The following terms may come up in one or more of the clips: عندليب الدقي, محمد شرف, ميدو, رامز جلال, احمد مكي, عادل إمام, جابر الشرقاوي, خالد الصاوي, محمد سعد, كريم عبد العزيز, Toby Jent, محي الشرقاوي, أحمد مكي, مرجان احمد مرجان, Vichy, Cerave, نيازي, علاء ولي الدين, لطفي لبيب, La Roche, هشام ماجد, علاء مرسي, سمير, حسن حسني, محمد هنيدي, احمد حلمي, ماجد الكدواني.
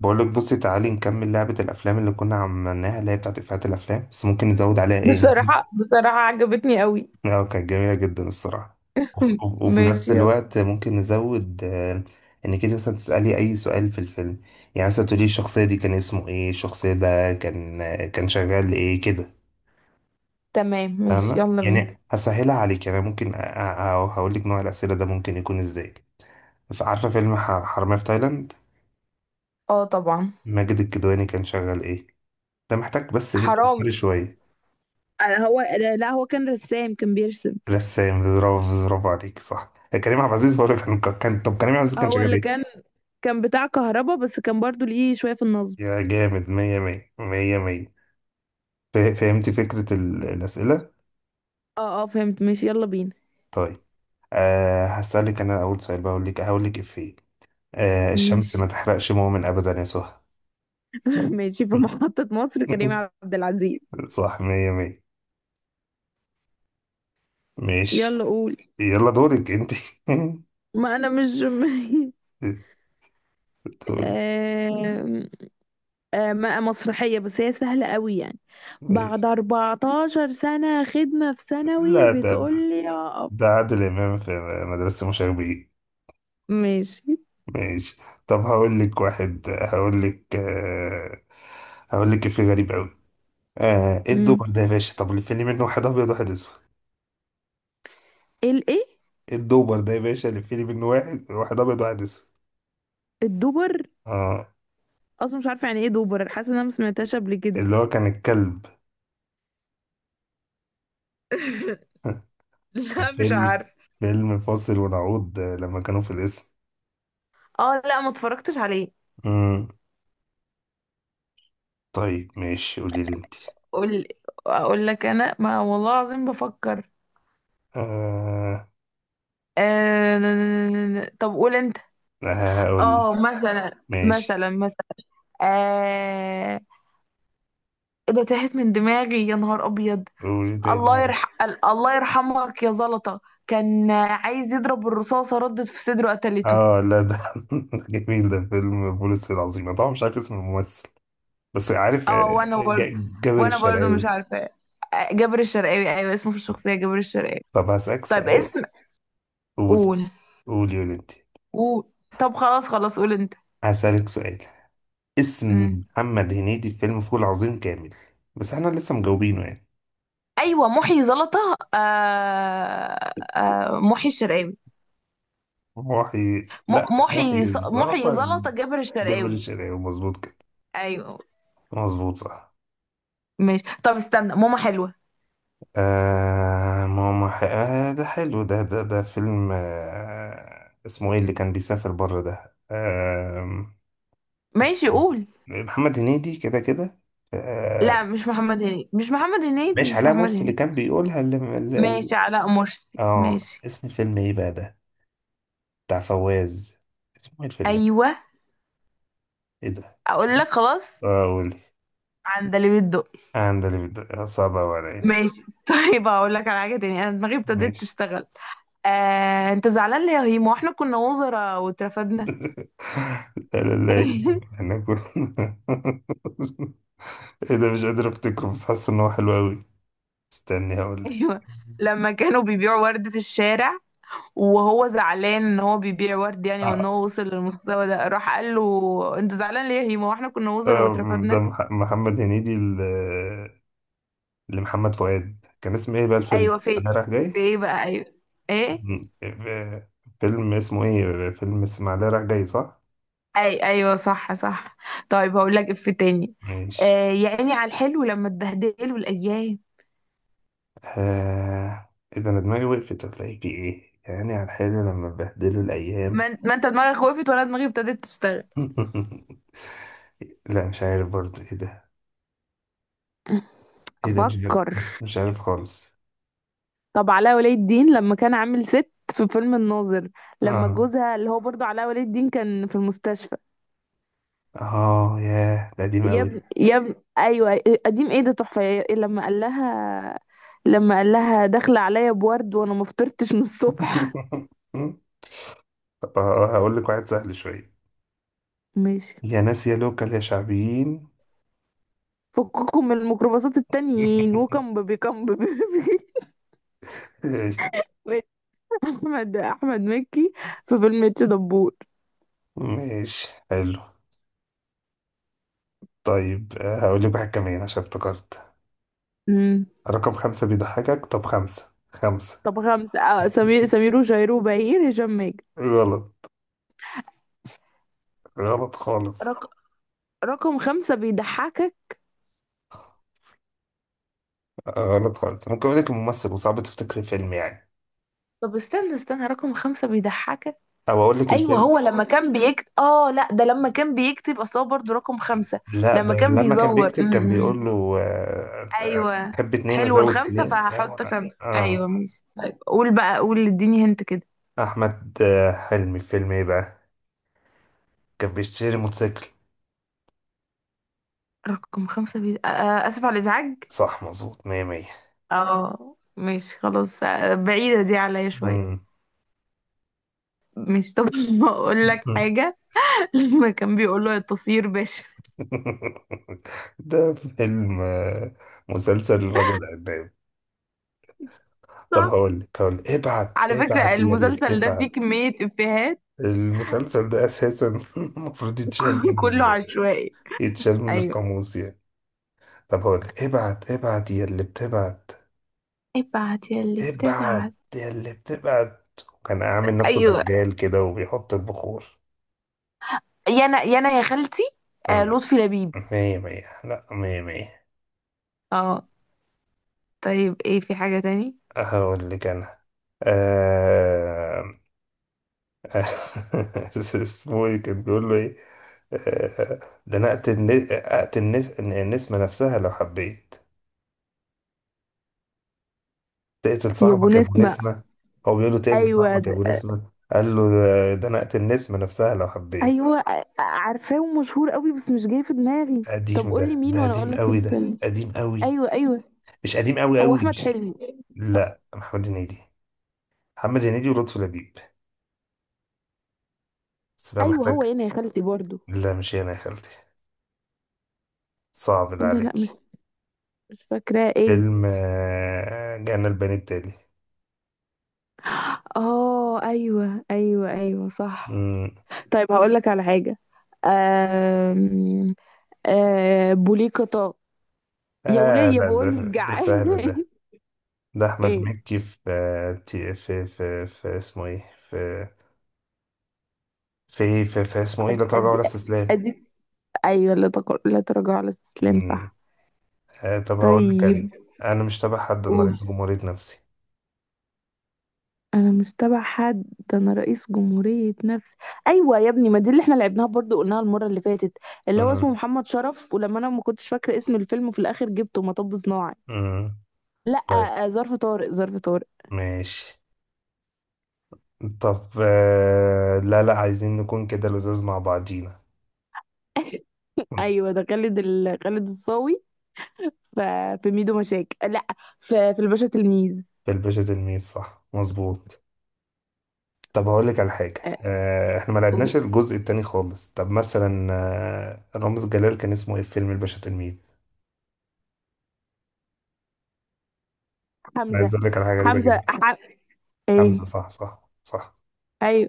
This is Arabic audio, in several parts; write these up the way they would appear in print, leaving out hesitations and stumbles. بقولك بصي تعالي نكمل لعبة الأفلام اللي كنا عملناها اللي هي بتاعت إفيهات الأفلام، بس ممكن نزود عليها إيه؟ بصراحة عجبتني قوي. آه، كانت جميلة جدا الصراحة. وف- وف- وفي نفس ماشي، يلا. الوقت ممكن نزود، إنك أنت مثلا تسألي أي سؤال في الفيلم. يعني مثلا تقولي الشخصية دي كان اسمه إيه؟ الشخصية ده كان كان شغال إيه كده، تمام، ماشي فاهمة؟ يلا بينا. يعني هسهلها عليك، يعني ممكن هقول لك نوع الأسئلة ده ممكن يكون إزاي. عارفة فيلم حرامية في تايلاند؟ اه، طبعا. ماجد الكدواني كان شغال إيه؟ ده محتاج بس إيه، تفكري حرامي. شوية. هو لا، لا، هو كان رسام، كان بيرسم. رسام، برافو، برافو عليك، صح. كريم عبد العزيز هو اللي كان كان طب كريم عبد العزيز كان هو شغال اللي ايه؟ كان بتاع كهربا، بس كان برضو ليه شوية في النصب. يا جامد، مية مية مية مية. فهمت فكرة الأسئلة؟ اه، اه، فهمت، ماشي يلا بينا. طيب. هسألك أنا أول سؤال، بقول لك هقول لك إفيه. الشمس ماشي. ما تحرقش مؤمن أبدا يا سهى. ماشي، في محطة مصر، كريم عبد العزيز. صح، مية مية. ماشي، يلا، قول. يلا دورك أنت. ما انا مش دورك. آه... مسرحية، بس هي سهلة قوي يعني. بعد ماشي. 14 سنة خدمة في ثانوي لا، ده، بتقول ده لي يا أب-. ده عادل إمام في مدرسة مشاغبين. ماشي. ماشي. طب هقول لك في غريب قوي. ايه امم. الدوبر ده يا باشا، طب لف لي منه واحد ابيض واحد اسود. الايه؟ ايه الدوبر ده يا باشا، لف لي منه واحد ابيض واحد اسود. الدوبر. اه، اصلا مش عارفة يعني ايه دوبر، حاسة ان انا ما سمعتهاش قبل كده. اللي هو كان الكلب. لا، مش فيلم عارف. فيلم فاصل ونعود، لما كانوا في الاسم. اه، لا، ما اتفرجتش عليه. مم. طيب، ماشي، قولي لي انت. قول. اقول لك انا ما والله العظيم بفكر. آه طب قول انت. هقول لي، اه، مثلا ماشي. مثلا مثلا آه... ايه ده؟ تاهت من دماغي يا نهار ابيض. قولي الله تاني. يرح... الله يرحمك يا زلطة. كان عايز يضرب الرصاصة، ردت في صدره، قتلته. اه، لا ده ده جميل، ده فيلم بوليس العظيم، أنا طبعا مش عارف اسم الممثل، بس عارف، اه، وانا برضه جابر وانا برضه مش الشرقاوي. عارفة. جابر الشرقاوي، ايوه اسمه في الشخصية جابر الشرقاوي. طب هسألك طيب سؤال. اسم. قول. قول، قول يا انت. قول. طب، خلاص خلاص، قول انت. هسألك سؤال، اسم مم. محمد هنيدي في فيلم فول عظيم كامل. بس احنا لسه مجاوبينه يعني. ايوه، محي زلطة، محي الشرقاوي. م... لا، محي محي الزعتر. زلطة، جابر جابر الشرقاوي. الشرقاوي، مظبوط كده. ايوه. مظبوط، صح. ماشي، طب استنى، ماما حلوة. آه ماما ح... آه ده حلو، ده فيلم، اسمه ايه اللي كان بيسافر بره ده، ماشي، اسمه ايه؟ قول. محمد هنيدي كده كده، آه لا، مش محمد هنيدي، مش محمد هنيدي، ماشي، مش علاء محمد مرسي اللي هنيدي. كان بيقولها ماشي، علاء مرسي، اه، ماشي. اسم الفيلم ايه بقى ده؟ بتاع فواز. اسمه ايه الفيلم ده؟ ايوه. ايه ده، مش اقول عارف. لك، خلاص. اه، قولي. عندليب الدقي. عندي. صعب أوي عليا. ماشي. طيب، هقول لك على حاجه تاني، انا دماغي ابتدت ماشي. تشتغل. انت زعلان ليه يا هيما واحنا كنا وزراء واترفدنا. لا، لا، لا، احنا كنا ايه ده، مش قادر افتكره، بس حاسس ان هو حلو قوي. استني، هقول لك. ايوه. لما كانوا بيبيعوا ورد في الشارع، وهو زعلان ان هو بيبيع ورد يعني، وان آه، هو وصل للمستوى ده، راح قال له انت زعلان ليه يا هيما واحنا كنا وزراء ده واترفدنا. محمد هنيدي لمحمد فؤاد، كان اسمه ايه بقى الفيلم؟ ايوه، في. اسماعيليه رايح في جاي. ايه بقى؟ ايوه. ايه. م- آه، فيلم اسمه ايه؟ فيلم اسماعيليه رايح جاي، صح. ايوه، صح، صح. طيب، هقول لك اف تاني. ماشي. آه يا عيني على الحلو لما اتبهدلوا الايام. آه... ايه ده، انا دماغي وقفت، هتلاقي في ايه يعني على الحلو لما بهدله الايام. ما انت دماغك وقفت ولا دماغي ابتدت تشتغل؟ لا، مش عارف برضه، ايه ده؟ ايه ده، مش عارف. افكر. مش عارف خالص. طب علاء ولي الدين لما كان عامل ست في فيلم الناظر، لما اه، جوزها اللي هو برضه علاء ولي الدين كان في المستشفى. اه، ياه، ده قديم يا قوي. ابني، يا ابني، ايوه قديم، ايه ده تحفه يا-. لما قال لها داخله عليا بورد وانا ما فطرتش من الصبح. طب هقول لك واحد سهل شوية، ماشي. يا ناس يا لوكال يا شعبيين. فككم من الميكروباصات التانيين، وكم بيبي كم بيبي. احمد مكي في فيلم اتش دبور. ماشي، حلو. طيب، هقول لك واحد كمان عشان افتكرت، امم. رقم خمسة بيضحكك. طب خمسة، خمسة. طب خمسة، سمير سمير وشهير وبهير، هشام ماجد. غلط، غلط خالص. رق... رقم خمسة بيضحكك. غلط خالص. ممكن اقول لك الممثل وصعب تفتكري فيلم يعني، طب استنى، استنى، رقم خمسة بيضحكك. او اقول لك أيوة، الفيلم. هو لما كان بيكتب، لأ، ده لما كان بيكتب، أصل هو برضه رقم خمسة. لا، لما ده كان لما كان بيزور بيكتب، كان بيقول م-م. له أيوة. تحب اتنين، حلو ازود الخمسة، اتنين، فهحط اه، خمسة. أيوة، ماشي. طيب قول بقى، قول، اديني هنت كده. احمد، حلمي، فيلم ايه بقى؟ كان بيشتري موتوسيكل. رقم خمسة بي... آه آه، آسف على الإزعاج. صح، مظبوط، مية مية. اه، مش خلاص، بعيدة دي عليا شوية. مم. مش طب ما اقول لك حاجة. لما كان بيقول له التصير باشا. ده فيلم، مسلسل رجل عناب. طب صح. هقول لك ابعت على فكرة ابعت يا اللي المسلسل ده فيه بتبعت. كمية إفيهات. المسلسل ده اساسا المفروض يتشال كله من عشوائي. ايوه. القاموس يعني. طب هقول لك، ابعت ابعت يا اللي بتبعت. ابعت يا اللي ابعت بتبعت. يا اللي بتبعت. وكان عامل نفسه ايوه، دجال كده وبيحط البخور. يا انا يا انا يا خالتي. مم. لطفي لبيب. مية مية، لا، مية مية. اه. طيب، ايه، في حاجة تاني؟ هقول لك انا. آه... اسمه ايه كان بيقول له ايه، آه... ده انا اقتل النسمة نفسها لو حبيت. تقتل يا بو صاحبك يا ابو نسمة. نسمة. هو بيقول له تقتل ايوه، صاحبك يا ابو ده. نسمة، قال له ده انا اقتل النسمة نفسها لو حبيت. ايوه، عارفاه ومشهور قوي، بس مش جاي في دماغي. طب قديم قول لي ده، مين وانا اقول لك الفيلم. قديم قوي، ايوه، ايوه. مش قديم قوي هو قوي احمد مش حلمي. لا، محمد هنيدي، محمد هنيدي ولطفي لبيب، بس بقى ايوه، محتاج. هو هنا يا خالتي برضو. لا مش هنا يا خالتي، صعب ده انت لا، مش. عليك. مش فاكراه، ايه. فيلم، جانا البني التالي. اه، ايوه ايوه ايوه، صح. مم. طيب، هقول لك على حاجه. أم... بوليكتا. يا آه، وليه لا، بقول لك ده جعان. سهل ده، ده أحمد ايه. مكي في، في اسمه إيه، في اسمه إيه، لا تراجع ولا ادي، استسلام. ادي. ايوه، لا تراجع على الاستسلام، مم. صح. طب هقول لك أنا، طيب أنا مش تابع حد، أنا قول. رئيس جمهورية نفسي. انا مش تبع حد، ده انا رئيس جمهورية نفسي. ايوه يا ابني، ما دي اللي احنا لعبناها برضو، قلناها المرة اللي فاتت، اللي هو اسمه مم. محمد شرف، ولما انا ما كنتش فاكرة اسم الفيلم في الاخر جبته مطب صناعي. مم. لا. طيب. ظرف طارق، ظرف طارق. ماشي. طب، لا لا، عايزين نكون كده لزاز مع بعضينا. مم. ايوه ده خالد الصاوي. ف... في ميدو مشاكل، لا. في الباشا تلميذ. في الباشا تلميذ، صح مظبوط. طب هقول لك على حاجة، آه، احنا ما أو- لعبناش الجزء التاني خالص، طب مثلا، رامز جلال كان اسمه ايه في فيلم الباشا تلميذ؟ انا حمزة. عايز اقول لك على حاجة غريبة حمزة جدا. ح... ايه. حمزة، صح صح صح. ايوه،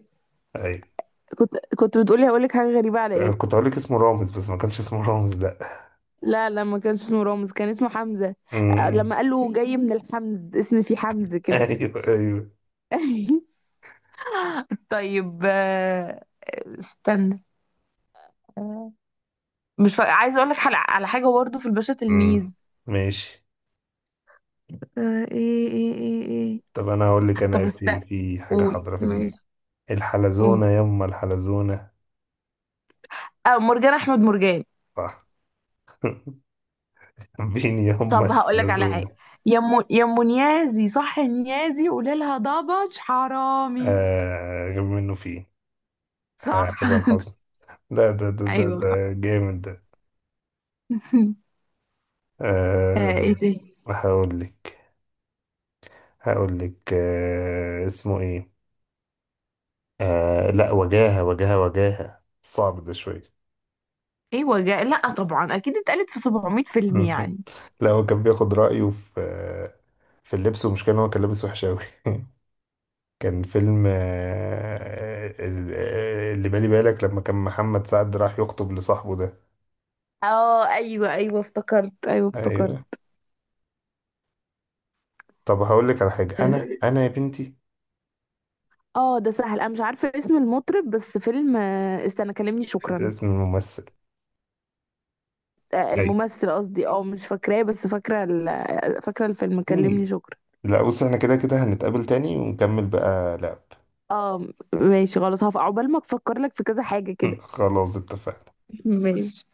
ايوه. كنت بتقولي هقول لك حاجة غريبة على ايه. كنت هقول لك اسمه رامز، بس ما كانش اسمه رامز، لا لا، لا، ما كانش اسمه رامز، كان اسمه حمزة. أمم، لما قال له جاي من الحمز، اسم فيه حمز كده. ايوه ايوه. طيب. استنى. آه، مش فا... عايزه اقول لك على حاجه برضه في الباشا أمم، تلميذ. ماشي. ايه، ايه، ايه، ايه. طب انا هقول لك، طب انا في استنى. في حاجة قول، حاضرة في دماغي، ماشي، قول. الحلزونة يما الحلزونة. اه، مرجان، احمد مرجان. صح. مين يما طب هقول لك على الحلزونة. حاجه. يا ام، يا ام نيازي، صح يا نيازي، قولي لها ضبش حرامي. آه، غير منه فيه. صح. حسن حسني. لا، ده ده ده ايوه، صح. ده جامد ده. أه. ايه تاني؟ هقول لك هقول لك اسمه ايه، لا، وجاهة، وجاهة، وجاهة، صعب ده شوية. ايوه، لا طبعا، اكيد اتقالت في 700 فيلم يعني. لا هو كان بياخد رأيه في اللبس، ومش كان، هو كان لابس وحش أوي. كان فيلم، أه ال- آه، اللي بالي بالك لما كان محمد سعد راح يخطب لصاحبه ده. اه، ايوه ايوه افتكرت، ايوه ايوه. افتكرت. طب هقول لك على حاجة، انا يا بنتي. اه، ده سهل، انا مش عارفه اسم المطرب، بس فيلم استنى، كلمني شكرا. اسم الممثل. ايوه. الممثل قصدي، اه مش فاكراه، بس فاكره ال... آه، فاكره الفيلم كلمني شكرا. لا بص، احنا كده كده هنتقابل تاني ونكمل بقى لعب. اه، ماشي، خلاص، هقف عقبال ما افكر لك في كذا حاجه كده. خلاص، اتفقنا. ماشي.